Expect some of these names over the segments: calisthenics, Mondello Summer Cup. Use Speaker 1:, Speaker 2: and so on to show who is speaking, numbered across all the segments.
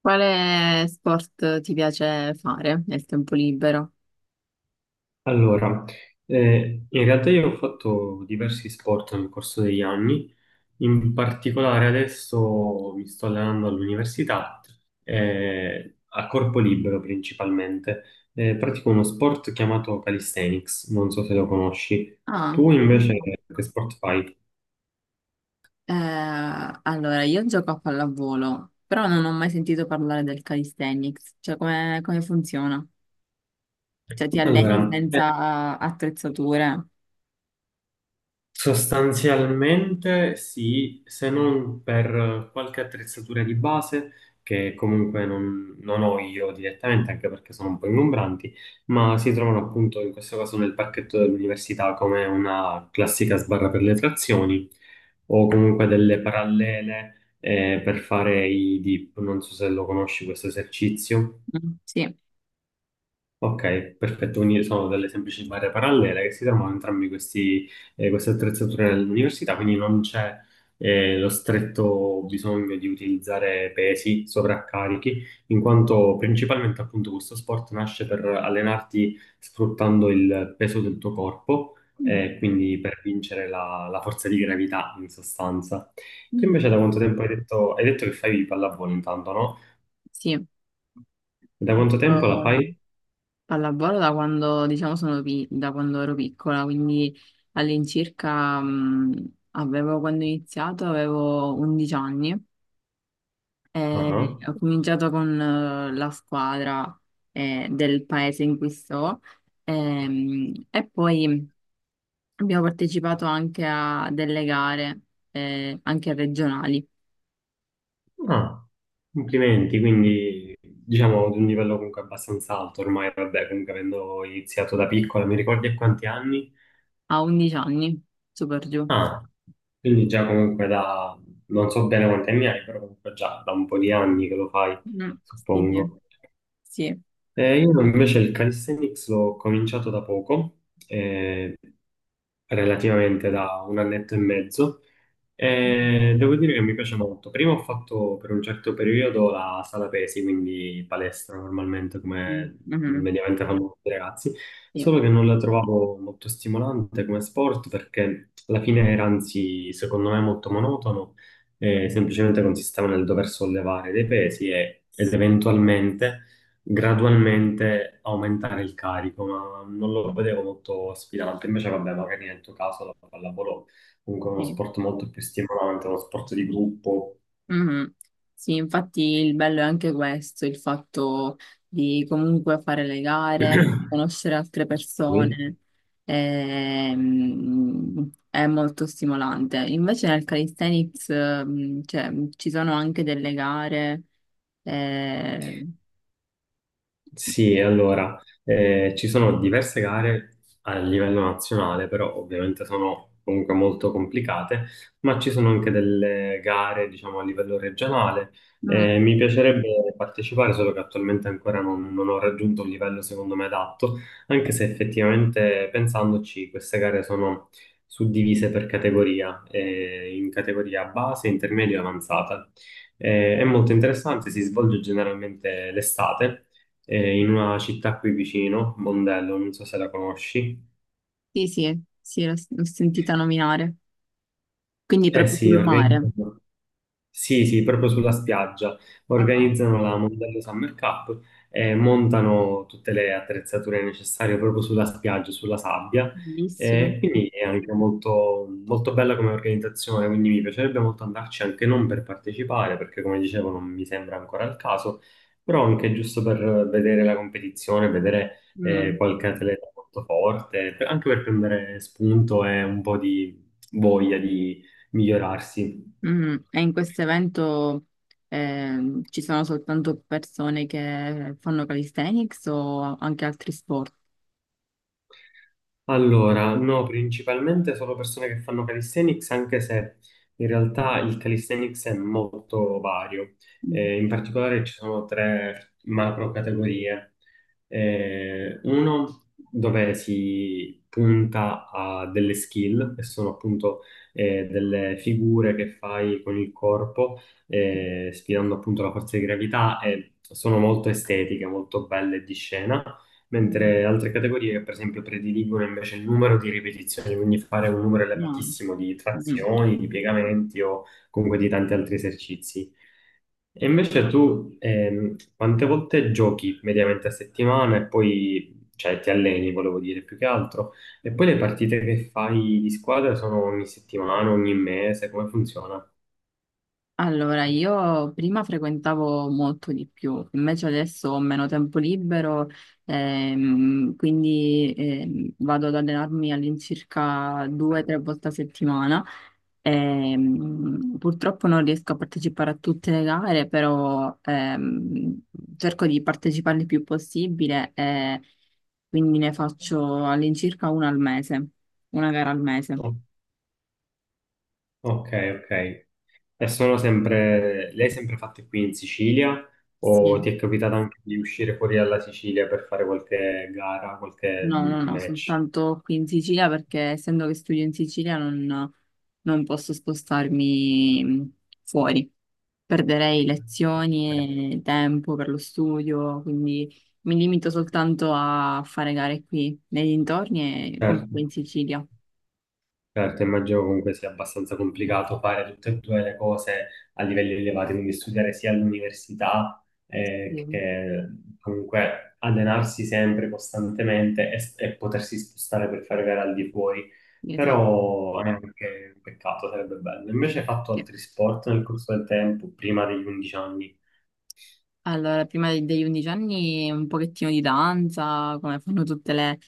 Speaker 1: Quale sport ti piace fare nel tempo libero?
Speaker 2: Allora, in realtà io ho fatto diversi sport nel corso degli anni, in particolare adesso mi sto allenando all'università, a corpo libero principalmente. Pratico uno sport chiamato calisthenics, non so se lo conosci.
Speaker 1: Ah,
Speaker 2: Tu invece che sport fai?
Speaker 1: eh, allora io gioco a pallavolo, però non ho mai sentito parlare del calisthenics, cioè come funziona? Cioè ti alleni
Speaker 2: Allora,
Speaker 1: senza attrezzature?
Speaker 2: sostanzialmente sì, se non per qualche attrezzatura di base che comunque non ho io direttamente, anche perché sono un po' ingombranti, ma si trovano appunto in questo caso nel parchetto dell'università come una classica sbarra per le trazioni o comunque delle parallele per fare i dip. Non so se lo conosci questo esercizio.
Speaker 1: Mm, sì.
Speaker 2: Ok, perfetto, quindi sono delle semplici barre parallele che si trovano entrambi questi, queste attrezzature nell'università, quindi non c'è lo stretto bisogno di utilizzare pesi, sovraccarichi, in quanto principalmente appunto questo sport nasce per allenarti sfruttando il peso del tuo corpo,
Speaker 1: Mm.
Speaker 2: quindi per vincere la forza di gravità in sostanza. Tu invece
Speaker 1: Mm.
Speaker 2: da quanto tempo hai detto che fai pallavolo intanto, no?
Speaker 1: Sì, ho
Speaker 2: Da quanto tempo la
Speaker 1: fatto
Speaker 2: fai?
Speaker 1: pallavolo da quando, diciamo, da quando ero piccola, quindi all'incirca, quando ho iniziato avevo 11 anni.
Speaker 2: Ah, ah.
Speaker 1: Ho cominciato con la squadra del paese in cui sto, e poi abbiamo partecipato anche a delle gare, anche regionali,
Speaker 2: Ah, complimenti, quindi diciamo di un livello comunque abbastanza alto ormai, vabbè, comunque avendo iniziato da piccola, mi ricordi a quanti anni?
Speaker 1: a 11 anni, super giù.
Speaker 2: Ah, quindi già comunque da, non so bene quanti anni hai, però comunque già da un po' di anni che lo fai,
Speaker 1: Mm, sì, sì,
Speaker 2: suppongo.
Speaker 1: sì.
Speaker 2: Io invece il calisthenics l'ho cominciato da poco, eh, relativamente da un annetto e mezzo, e devo dire che mi piace molto. Prima ho fatto per un certo periodo la sala pesi, quindi palestra normalmente
Speaker 1: Mm,
Speaker 2: come
Speaker 1: mhm,
Speaker 2: mediamente fanno tutti i ragazzi, solo
Speaker 1: sì,
Speaker 2: che non la trovavo molto stimolante come sport perché alla fine era anzi secondo me molto monotono, semplicemente consisteva nel dover sollevare dei pesi ed eventualmente gradualmente aumentare il carico, ma non lo vedevo molto sfidante. Invece, vabbè, magari nel tuo caso la pallavolo comunque è uno
Speaker 1: sì.
Speaker 2: sport molto più stimolante, uno sport di gruppo.
Speaker 1: Mhm. Sì, infatti il bello è anche questo, il fatto di comunque fare le gare, conoscere altre persone, è molto stimolante. Invece nel calisthenics, cioè, ci sono anche delle gare. eh,
Speaker 2: Sì, allora, ci sono diverse gare a livello nazionale, però ovviamente sono comunque molto complicate, ma ci sono anche delle gare, diciamo, a livello regionale.
Speaker 1: mm.
Speaker 2: Mi piacerebbe partecipare, solo che attualmente ancora non ho raggiunto un livello secondo me adatto, anche se effettivamente pensandoci queste gare sono suddivise per categoria, in categoria base, intermedia e avanzata. È molto interessante, si svolge generalmente l'estate in una città qui vicino, Mondello, non so se la conosci.
Speaker 1: Sì, sì, sì, l'ho sentita nominare. Quindi
Speaker 2: Eh
Speaker 1: proprio
Speaker 2: sì,
Speaker 1: sul mare.
Speaker 2: organizzano. Sì, sì, proprio sulla spiaggia.
Speaker 1: Ah,
Speaker 2: Organizzano la Mondello Summer Cup e montano tutte le attrezzature necessarie proprio sulla spiaggia, sulla sabbia.
Speaker 1: bellissimo.
Speaker 2: E quindi è anche molto, molto bella come organizzazione, quindi mi piacerebbe molto andarci anche non per partecipare, perché come dicevo non mi sembra ancora il caso, però anche giusto per vedere la competizione, vedere
Speaker 1: Mm.
Speaker 2: qualche atleta molto forte, anche per prendere spunto e un po' di voglia di migliorarsi.
Speaker 1: E in questo evento, ci sono soltanto persone che fanno calisthenics o anche altri sport?
Speaker 2: Allora, no, principalmente solo persone che fanno calisthenics, anche se in realtà il calisthenics è molto vario.
Speaker 1: Mm.
Speaker 2: In particolare ci sono tre macro categorie. Uno dove si punta a delle skill, che sono appunto delle figure che fai con il corpo, sfidando appunto la forza di gravità e sono molto estetiche, molto belle di scena
Speaker 1: Mm.
Speaker 2: mentre altre categorie che per esempio prediligono invece il numero di ripetizioni, quindi fare un numero
Speaker 1: No.
Speaker 2: elevatissimo di
Speaker 1: Mm.
Speaker 2: trazioni, di piegamenti o comunque di tanti altri esercizi. E invece tu quante volte giochi mediamente a settimana e poi cioè, ti alleni, volevo dire, più che altro? E poi le partite che fai di squadra sono ogni settimana, ogni mese, come funziona?
Speaker 1: Allora, io prima frequentavo molto di più, invece adesso ho meno tempo libero, quindi vado ad allenarmi all'incirca due o tre volte a settimana. Purtroppo non riesco a partecipare a tutte le gare, però cerco di partecipare il più possibile e quindi ne faccio all'incirca una al mese, una gara al mese.
Speaker 2: Oh, ok, ok. E sono sempre, lei è sempre fatte qui in Sicilia o ti
Speaker 1: Sì.
Speaker 2: è capitato anche di uscire fuori dalla Sicilia per fare qualche gara, qualche
Speaker 1: No,
Speaker 2: mm,
Speaker 1: no, no,
Speaker 2: match?
Speaker 1: soltanto qui in Sicilia perché essendo che studio in Sicilia non posso spostarmi fuori. Perderei
Speaker 2: Ok.
Speaker 1: lezioni e tempo per lo studio, quindi mi limito soltanto a fare gare qui nei dintorni e comunque in
Speaker 2: Certo.
Speaker 1: Sicilia.
Speaker 2: Certo, immagino comunque sia abbastanza complicato fare tutte e due le cose a livelli elevati, quindi studiare sia all'università
Speaker 1: Sì,
Speaker 2: che comunque allenarsi sempre costantemente e potersi spostare per fare gare al di fuori,
Speaker 1: esatto.
Speaker 2: però è anche un peccato, sarebbe bello. Invece hai fatto altri sport nel corso del tempo, prima degli 11 anni?
Speaker 1: Allora, prima degli 11 anni un pochettino di danza, come fanno tutte le,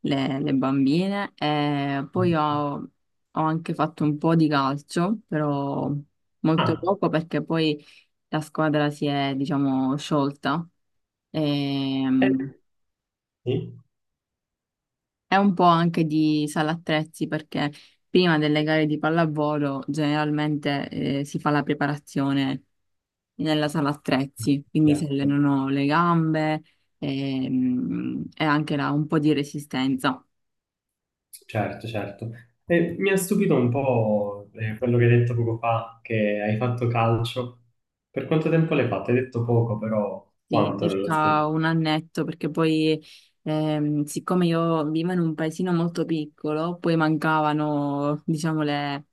Speaker 1: le- le bambine. E poi ho anche fatto un po' di calcio, però molto
Speaker 2: Ah,
Speaker 1: poco perché poi la squadra si è, diciamo, sciolta. Ehm,
Speaker 2: eh, sì.
Speaker 1: è un po' anche di sala attrezzi perché prima delle gare di pallavolo generalmente si fa la preparazione nella sala attrezzi, quindi si
Speaker 2: Certo.
Speaker 1: allenano le gambe, e, anche là un po' di resistenza.
Speaker 2: Certo, certo. E mi ha stupito un po' quello che hai detto poco fa, che hai fatto calcio. Per quanto tempo l'hai fatto? Hai detto poco, però
Speaker 1: Sì,
Speaker 2: quanto nello
Speaker 1: circa
Speaker 2: specifico?
Speaker 1: un annetto, perché poi, siccome io vivo in un paesino molto piccolo, poi mancavano, diciamo, le,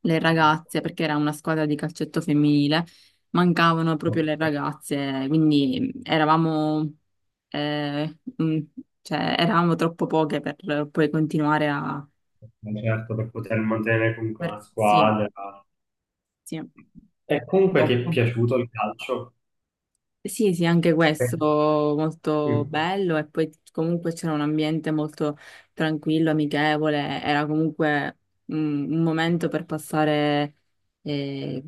Speaker 1: le ragazze, perché era una squadra di calcetto femminile, mancavano proprio
Speaker 2: Ok.
Speaker 1: le ragazze, quindi eravamo, eh, mm, cioè, eravamo troppo poche per poi continuare a...
Speaker 2: Certo, per poter mantenere comunque una
Speaker 1: Sì,
Speaker 2: squadra.
Speaker 1: sì.
Speaker 2: E comunque ti è
Speaker 1: Purtroppo.
Speaker 2: piaciuto il calcio?
Speaker 1: Sì, sì, anche
Speaker 2: Sì.
Speaker 1: questo molto
Speaker 2: Mm,
Speaker 1: bello e poi comunque c'era un ambiente molto tranquillo, amichevole, era comunque un momento per passare, eh,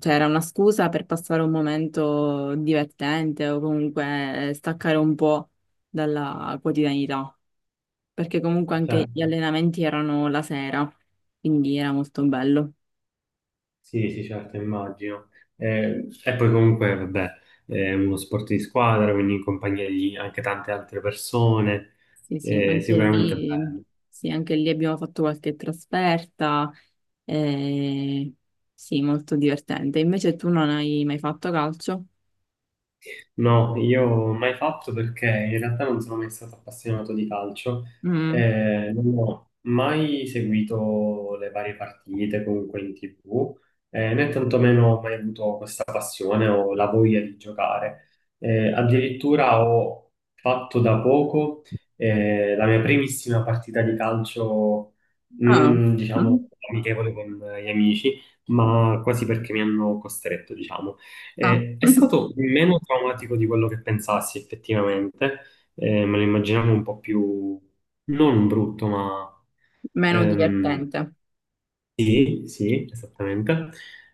Speaker 1: cioè era una scusa per passare un momento divertente o comunque staccare un po' dalla quotidianità, perché comunque anche gli
Speaker 2: certo.
Speaker 1: allenamenti erano la sera, quindi era molto bello.
Speaker 2: Sì, sì, certo, immagino. E poi comunque, vabbè, è uno sport di squadra, quindi in compagnia di anche tante altre persone,
Speaker 1: Sì,
Speaker 2: sicuramente è bello.
Speaker 1: sì, anche lì abbiamo fatto qualche trasferta, eh, sì, molto divertente. Invece tu non hai mai fatto calcio?
Speaker 2: No, io mai fatto perché in realtà non sono mai stato appassionato di calcio,
Speaker 1: Mm.
Speaker 2: non ho mai seguito le varie partite comunque in TV, né tantomeno ho mai avuto questa passione o la voglia di giocare. Addirittura ho fatto da poco, la mia primissima partita di calcio,
Speaker 1: Ah,
Speaker 2: mm, diciamo,
Speaker 1: mm.
Speaker 2: amichevole con gli amici, ma quasi perché mi hanno costretto, diciamo.
Speaker 1: Ah.
Speaker 2: È stato meno traumatico di quello che pensassi effettivamente. Me lo immaginavo un po' più, non brutto, ma
Speaker 1: Meno
Speaker 2: ehm,
Speaker 1: divertente.
Speaker 2: sì, sì, esattamente.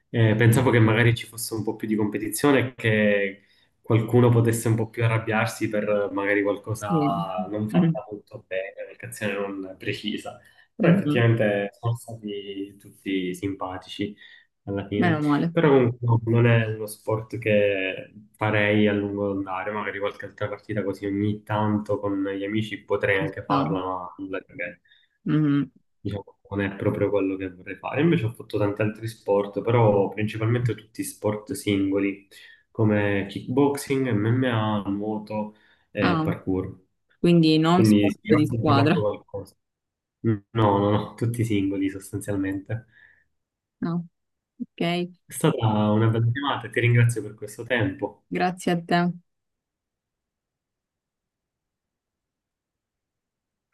Speaker 2: Pensavo che magari ci fosse un po' più di competizione e che qualcuno potesse un po' più arrabbiarsi per magari
Speaker 1: Sì,
Speaker 2: qualcosa non
Speaker 1: mm.
Speaker 2: fatta molto bene, un'azione non precisa. Però
Speaker 1: Mhm.
Speaker 2: effettivamente sono stati tutti simpatici alla fine.
Speaker 1: Meno male,
Speaker 2: Però comunque no, non è uno sport che farei a lungo andare, magari qualche altra partita così ogni tanto con gli amici potrei
Speaker 1: ci
Speaker 2: anche
Speaker 1: sta.
Speaker 2: farla, ma nulla di che,
Speaker 1: Mhm.
Speaker 2: diciamo, non è proprio quello che vorrei fare. Invece ho fatto tanti altri sport, però principalmente tutti sport singoli, come kickboxing, MMA, nuoto e
Speaker 1: Ah,
Speaker 2: parkour.
Speaker 1: quindi non
Speaker 2: Quindi sì,
Speaker 1: sport
Speaker 2: ho
Speaker 1: di
Speaker 2: sempre fatto
Speaker 1: squadra.
Speaker 2: qualcosa. No, no, no, tutti singoli sostanzialmente.
Speaker 1: No. Ok,
Speaker 2: È stata una bella chiamata e ti ringrazio per questo tempo.
Speaker 1: grazie a te.